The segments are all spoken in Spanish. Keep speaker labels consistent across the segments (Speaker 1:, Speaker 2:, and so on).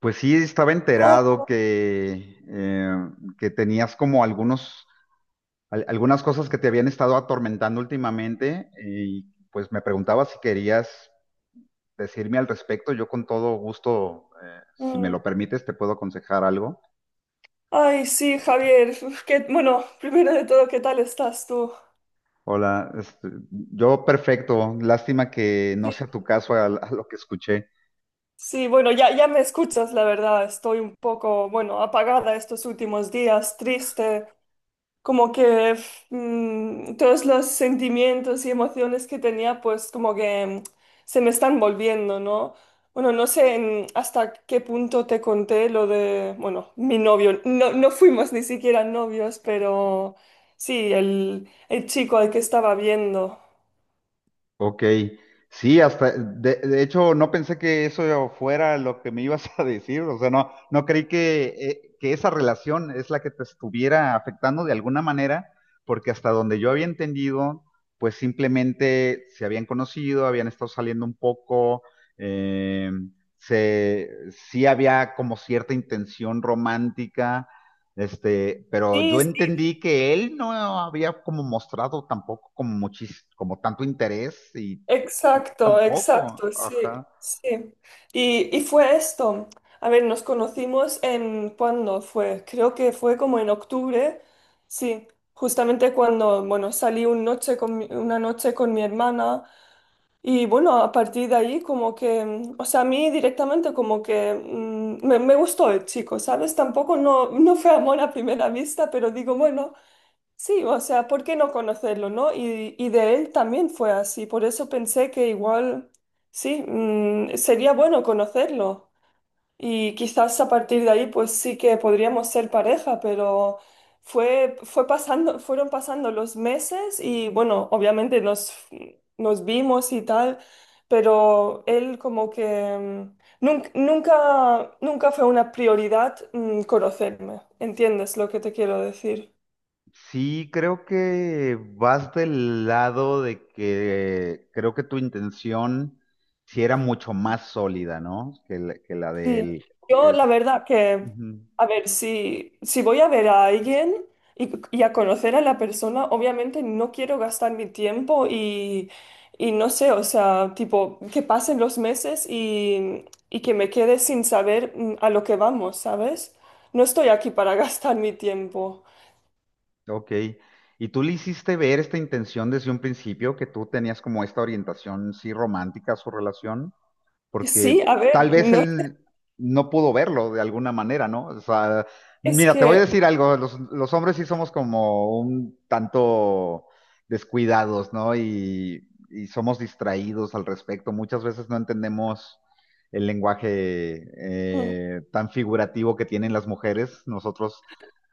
Speaker 1: Pues sí, estaba
Speaker 2: Hola.
Speaker 1: enterado que que tenías como algunas cosas que te habían estado atormentando últimamente y pues me preguntaba si querías decirme al respecto. Yo con todo gusto, si me
Speaker 2: Mm.
Speaker 1: lo permites, te puedo aconsejar algo.
Speaker 2: Ay, sí, Javier. Bueno, primero de todo, ¿qué tal estás tú?
Speaker 1: Hola, yo perfecto. Lástima que no
Speaker 2: Sí,
Speaker 1: sea tu caso a lo que escuché.
Speaker 2: Sí, bueno, ya me escuchas, la verdad. Estoy un poco, bueno, apagada estos últimos días, triste. Como que todos los sentimientos y emociones que tenía, pues como que se me están volviendo, ¿no? Bueno, no sé hasta qué punto te conté lo de, bueno, mi novio. No fuimos ni siquiera novios, pero sí, el chico al que estaba viendo.
Speaker 1: Ok, sí, de hecho, no pensé que eso fuera lo que me ibas a decir, o sea, no creí que que esa relación es la que te estuviera afectando de alguna manera, porque hasta donde yo había entendido, pues simplemente se habían conocido, habían estado saliendo un poco, eh, se, sí había como cierta intención romántica, pero yo
Speaker 2: Sí, sí.
Speaker 1: entendí que él no había como mostrado tampoco como tanto interés, y tú
Speaker 2: Exacto,
Speaker 1: tampoco,
Speaker 2: exacto, sí,
Speaker 1: ajá.
Speaker 2: sí. Y fue esto. A ver, nos conocimos en, ¿cuándo fue? Creo que fue como en octubre, sí, justamente cuando, bueno, salí un noche con mi- una noche con mi hermana, y bueno, a partir de ahí como que, o sea, a mí directamente como que me gustó el chico, ¿sabes? Tampoco no fue amor a primera vista, pero digo, bueno. Sí, o sea, ¿por qué no conocerlo, no? Y de él también fue así, por eso pensé que igual, sí, sería bueno conocerlo. Y quizás a partir de ahí, pues sí que podríamos ser pareja, pero fueron pasando los meses y bueno, obviamente nos vimos y tal, pero él como que nunca, nunca fue una prioridad, conocerme, ¿entiendes lo que te quiero decir?
Speaker 1: Sí, creo que vas del lado de que creo que tu intención sí era mucho más sólida, ¿no? Que que la de
Speaker 2: Sí,
Speaker 1: él
Speaker 2: yo
Speaker 1: es,
Speaker 2: la verdad que,
Speaker 1: ujú,
Speaker 2: a ver, si voy a ver a alguien y a conocer a la persona, obviamente no quiero gastar mi tiempo y no sé, o sea, tipo, que pasen los meses y que me quede sin saber a lo que vamos, ¿sabes? No estoy aquí para gastar mi tiempo.
Speaker 1: ok. ¿Y tú le hiciste ver esta intención desde un principio, que tú tenías como esta orientación sí romántica a su relación?
Speaker 2: Sí,
Speaker 1: Porque
Speaker 2: a
Speaker 1: tal
Speaker 2: ver,
Speaker 1: vez
Speaker 2: no,
Speaker 1: él no pudo verlo de alguna manera, ¿no? O sea,
Speaker 2: es
Speaker 1: mira, te voy a
Speaker 2: que,
Speaker 1: decir algo, los hombres sí somos como un tanto descuidados, ¿no? Y somos distraídos al respecto. Muchas veces no entendemos el lenguaje
Speaker 2: mm,
Speaker 1: tan figurativo que tienen las mujeres. Nosotros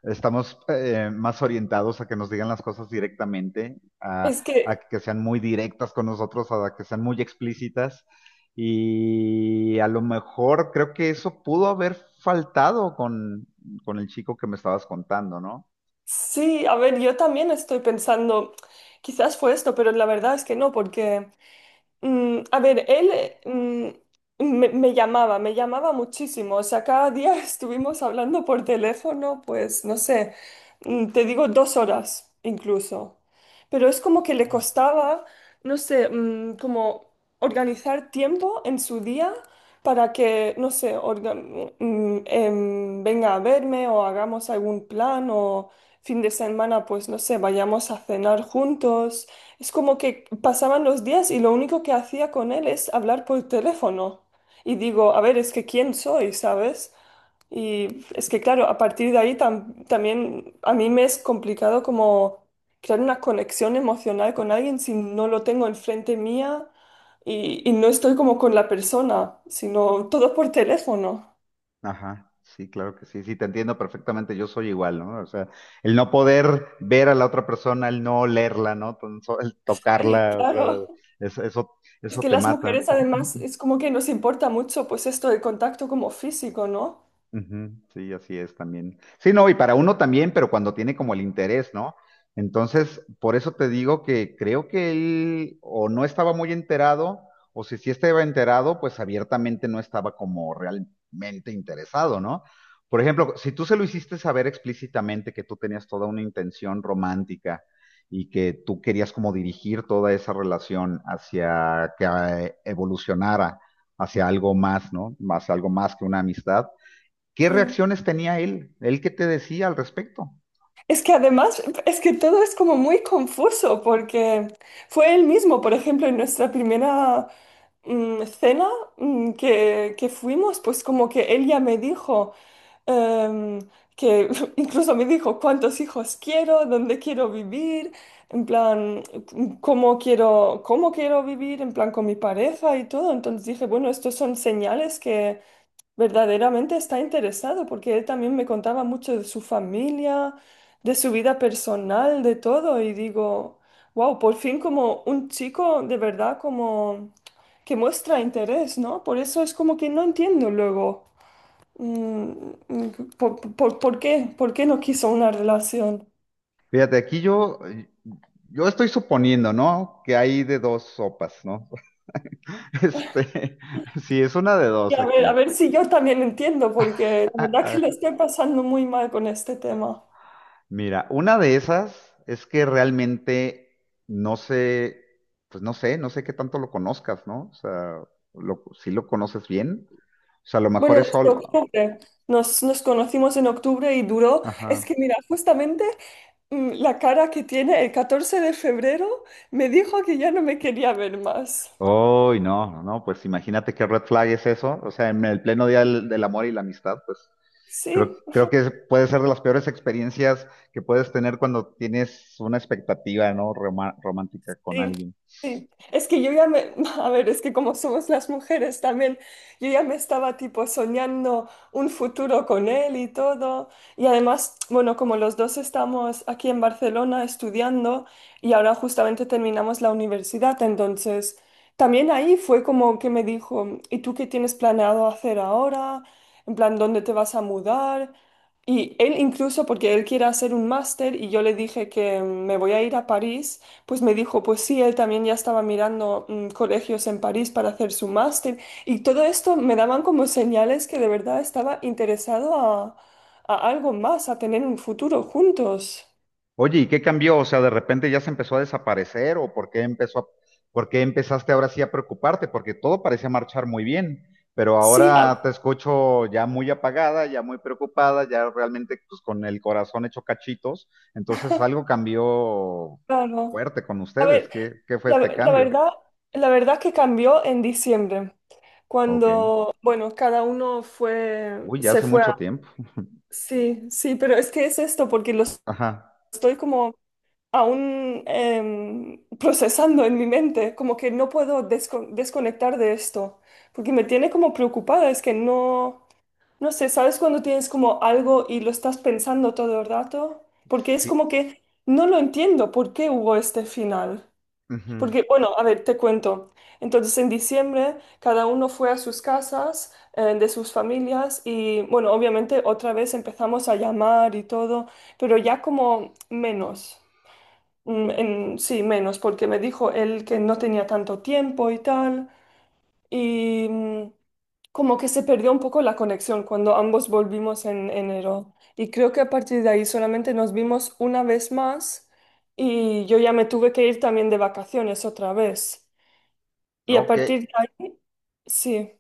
Speaker 1: estamos más orientados a que nos digan las cosas directamente,
Speaker 2: es
Speaker 1: a
Speaker 2: que,
Speaker 1: que sean muy directas con nosotros, a que sean muy explícitas. Y a lo mejor creo que eso pudo haber faltado con el chico que me estabas contando, ¿no?
Speaker 2: sí, a ver, yo también estoy pensando, quizás fue esto, pero la verdad es que no, porque... a ver, él, me llamaba muchísimo. O sea, cada día estuvimos hablando por teléfono, pues no sé, te digo dos horas incluso. Pero es como que le
Speaker 1: Uy.
Speaker 2: costaba, no sé, como organizar tiempo en su día para que, no sé, orga- mm, em, venga a verme o hagamos algún plan o fin de semana, pues no sé, vayamos a cenar juntos. Es como que pasaban los días y lo único que hacía con él es hablar por teléfono. Y digo, a ver, es que quién soy, ¿sabes? Y es que claro, a partir de ahí también a mí me es complicado como crear una conexión emocional con alguien si no lo tengo enfrente mía y no estoy como con la persona, sino todo por teléfono.
Speaker 1: Ajá, sí, claro que sí, sí, te entiendo perfectamente, yo soy igual, ¿no? O sea, el no poder ver a la otra persona, el no olerla, ¿no? El
Speaker 2: Sí,
Speaker 1: tocarla, o sea,
Speaker 2: claro.
Speaker 1: eso,
Speaker 2: Es
Speaker 1: eso
Speaker 2: que
Speaker 1: te
Speaker 2: las
Speaker 1: mata.
Speaker 2: mujeres además es como que nos importa mucho pues esto del contacto como físico, ¿no?
Speaker 1: Ujú, sí, así es también. Sí, no, y para uno también, pero cuando tiene como el interés, ¿no? Entonces, por eso te digo que creo que él o no estaba muy enterado, o si sí estaba enterado, pues abiertamente no estaba como realmente interesado, ¿no? Por ejemplo, si tú se lo hiciste saber explícitamente que tú tenías toda una intención romántica y que tú querías como dirigir toda esa relación hacia que evolucionara hacia algo más, ¿no? Más algo más que una amistad. ¿Qué
Speaker 2: Sí.
Speaker 1: reacciones tenía él? ¿Él qué te decía al respecto?
Speaker 2: Es que además, es que todo es como muy confuso porque fue él mismo, por ejemplo, en nuestra primera cena que fuimos, pues como que él ya me dijo, em, que incluso me dijo cuántos hijos quiero, dónde quiero vivir, en plan, cómo quiero vivir, en plan con mi pareja y todo. Entonces dije, bueno, estos son señales, verdaderamente está interesado, porque él también me contaba mucho de su familia, de su vida personal, de todo, y digo, wow, por fin como un chico de verdad como que muestra interés, ¿no? Por eso es como que no entiendo luego, mm, mm, por qué no quiso una relación.
Speaker 1: Fíjate, yo estoy suponiendo, ¿no? Que hay de dos sopas, ¿no? Este, sí, es una de
Speaker 2: Y
Speaker 1: dos
Speaker 2: a
Speaker 1: aquí.
Speaker 2: ver si yo también entiendo, porque la verdad que lo estoy pasando muy mal con este tema.
Speaker 1: Mira, una de esas es que realmente no sé, pues no sé qué tanto lo conozcas, ¿no? O sea, si lo conoces bien, o sea, a lo mejor
Speaker 2: Bueno,
Speaker 1: es
Speaker 2: desde
Speaker 1: solo.
Speaker 2: octubre. Nos conocimos en octubre y duró. Es
Speaker 1: Ajá.
Speaker 2: que mira, justamente la cara que tiene el 14 de febrero me dijo que ya no me quería ver más.
Speaker 1: Uy, no, no, pues imagínate qué red flag es eso. O sea, en el pleno día del amor y la amistad, pues
Speaker 2: Sí.
Speaker 1: creo que puede ser de las peores experiencias que puedes tener cuando tienes una expectativa, ¿no? Romántica con
Speaker 2: Sí,
Speaker 1: alguien.
Speaker 2: sí. Es que yo ya me, a ver, es que como somos las mujeres también, yo ya me estaba tipo soñando un futuro con él y todo. Y además, bueno, como los dos estamos aquí en Barcelona estudiando y ahora justamente terminamos la universidad, entonces también ahí fue como que me dijo, ¿y tú qué tienes planeado hacer ahora? En plan, ¿dónde te vas a mudar? Y él incluso, porque él quiere hacer un máster y yo le dije que me voy a ir a París, pues me dijo, pues sí, él también ya estaba mirando colegios en París para hacer su máster, y todo esto me daban como señales que de verdad estaba interesado a algo más, a tener un futuro juntos.
Speaker 1: Oye, ¿y qué cambió? O sea, de repente ya se empezó a desaparecer o ¿por qué empezaste ahora sí a preocuparte? Porque todo parecía marchar muy bien, pero
Speaker 2: Sí,
Speaker 1: ahora
Speaker 2: a-
Speaker 1: te escucho ya muy apagada, ya muy preocupada, ya realmente pues, con el corazón hecho cachitos. Entonces algo cambió
Speaker 2: claro.
Speaker 1: fuerte con
Speaker 2: A
Speaker 1: ustedes.
Speaker 2: ver,
Speaker 1: ¿Qué fue
Speaker 2: la,
Speaker 1: este
Speaker 2: la
Speaker 1: cambio?
Speaker 2: verdad, la verdad que cambió en diciembre,
Speaker 1: Ok.
Speaker 2: cuando, bueno, cada uno fue,
Speaker 1: Uy, ya
Speaker 2: se
Speaker 1: hace
Speaker 2: fue a...
Speaker 1: mucho tiempo.
Speaker 2: Sí, sí, pero es que es esto, porque los
Speaker 1: Ajá.
Speaker 2: estoy como aún procesando en mi mente, como que no puedo desconectar de esto, porque me tiene como preocupada, es que no, no sé, ¿sabes cuando tienes como algo y lo estás pensando todo el rato? Porque es
Speaker 1: Sí,
Speaker 2: como que no lo entiendo, ¿por qué hubo este final?
Speaker 1: ujú.
Speaker 2: Porque, bueno, a ver, te cuento. Entonces, en diciembre, cada uno fue a sus casas, de sus familias, y bueno, obviamente otra vez empezamos a llamar y todo, pero ya como menos. Sí, menos, porque me dijo él que no tenía tanto tiempo y tal, y como que se perdió un poco la conexión cuando ambos volvimos en enero. Y creo que a partir de ahí solamente nos vimos una vez más y yo ya me tuve que ir también de vacaciones otra vez. Y a
Speaker 1: Ok.
Speaker 2: partir de ahí, sí.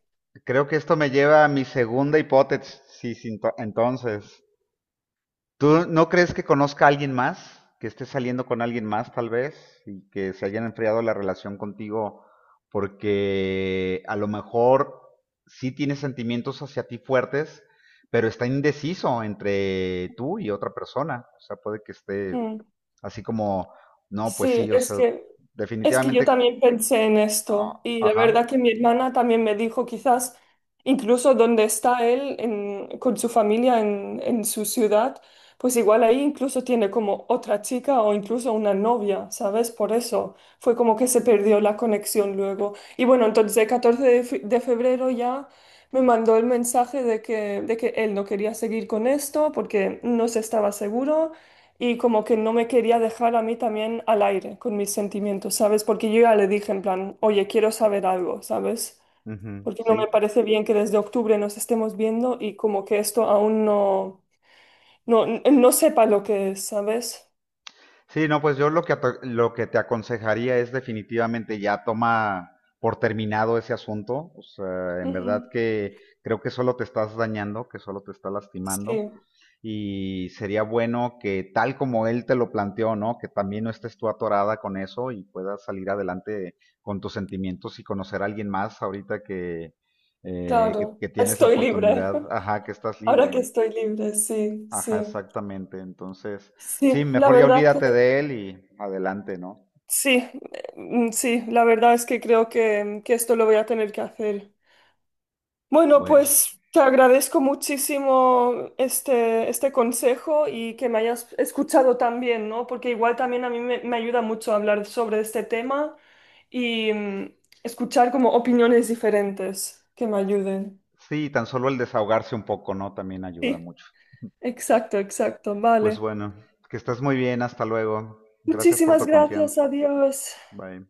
Speaker 1: Creo que esto me lleva a mi segunda hipótesis, sí, sí, entonces. ¿Tú no crees que conozca a alguien más? Que esté saliendo con alguien más, tal vez, y que se hayan enfriado la relación contigo porque a lo mejor sí tiene sentimientos hacia ti fuertes, pero está indeciso entre tú y otra persona. O sea, puede que esté
Speaker 2: mm.
Speaker 1: así como, no, pues
Speaker 2: Sí,
Speaker 1: sí, o sea,
Speaker 2: es que yo
Speaker 1: definitivamente,
Speaker 2: también pensé en
Speaker 1: ah,
Speaker 2: esto y la
Speaker 1: ajá,
Speaker 2: verdad que mi hermana también me dijo quizás incluso donde está él con su familia en su ciudad, pues igual ahí incluso tiene como otra chica o incluso una novia, ¿sabes? Por eso fue como que se perdió la conexión luego. Y bueno, entonces el 14 de febrero ya me mandó el mensaje de que él no quería seguir con esto porque no se estaba seguro y como que no me quería dejar a mí también al aire con mis sentimientos, ¿sabes? Porque yo ya le dije en plan, oye, quiero saber algo, ¿sabes?
Speaker 1: ujú,
Speaker 2: Porque no
Speaker 1: sí,
Speaker 2: me parece bien que desde octubre nos estemos viendo y como que esto aún no, no sepa lo que es, ¿sabes?
Speaker 1: sí, no, pues yo lo que, lo que te aconsejaría es definitivamente ya toma por terminado ese asunto. O sea, en verdad
Speaker 2: Ujú.
Speaker 1: que creo que solo te estás dañando, que solo te está lastimando.
Speaker 2: Sí,
Speaker 1: Y sería bueno que tal como él te lo planteó, ¿no? Que también no estés tú atorada con eso y puedas salir adelante con tus sentimientos y conocer a alguien más ahorita que,
Speaker 2: claro,
Speaker 1: que tienes la
Speaker 2: estoy libre.
Speaker 1: oportunidad, ajá, que estás
Speaker 2: Ahora
Speaker 1: libre.
Speaker 2: que estoy libre, sí,
Speaker 1: Ajá,
Speaker 2: sí.
Speaker 1: exactamente. Entonces, sí,
Speaker 2: Sí, la
Speaker 1: mejor ya
Speaker 2: verdad que
Speaker 1: olvídate de él y adelante, ¿no?
Speaker 2: sí, sí, la verdad es que creo que esto lo voy a tener que hacer. Bueno,
Speaker 1: Bueno,
Speaker 2: pues te agradezco muchísimo este consejo y que me hayas escuchado también, ¿no? Porque igual también a mí me ayuda mucho hablar sobre este tema y escuchar como opiniones diferentes que me ayuden.
Speaker 1: sí, tan solo el desahogarse un poco, ¿no? También ayuda
Speaker 2: Sí,
Speaker 1: mucho.
Speaker 2: exacto, exacto,
Speaker 1: Pues
Speaker 2: vale.
Speaker 1: bueno, que estés muy bien, hasta luego. Gracias por
Speaker 2: Muchísimas
Speaker 1: tu confianza.
Speaker 2: gracias, adiós.
Speaker 1: Bye.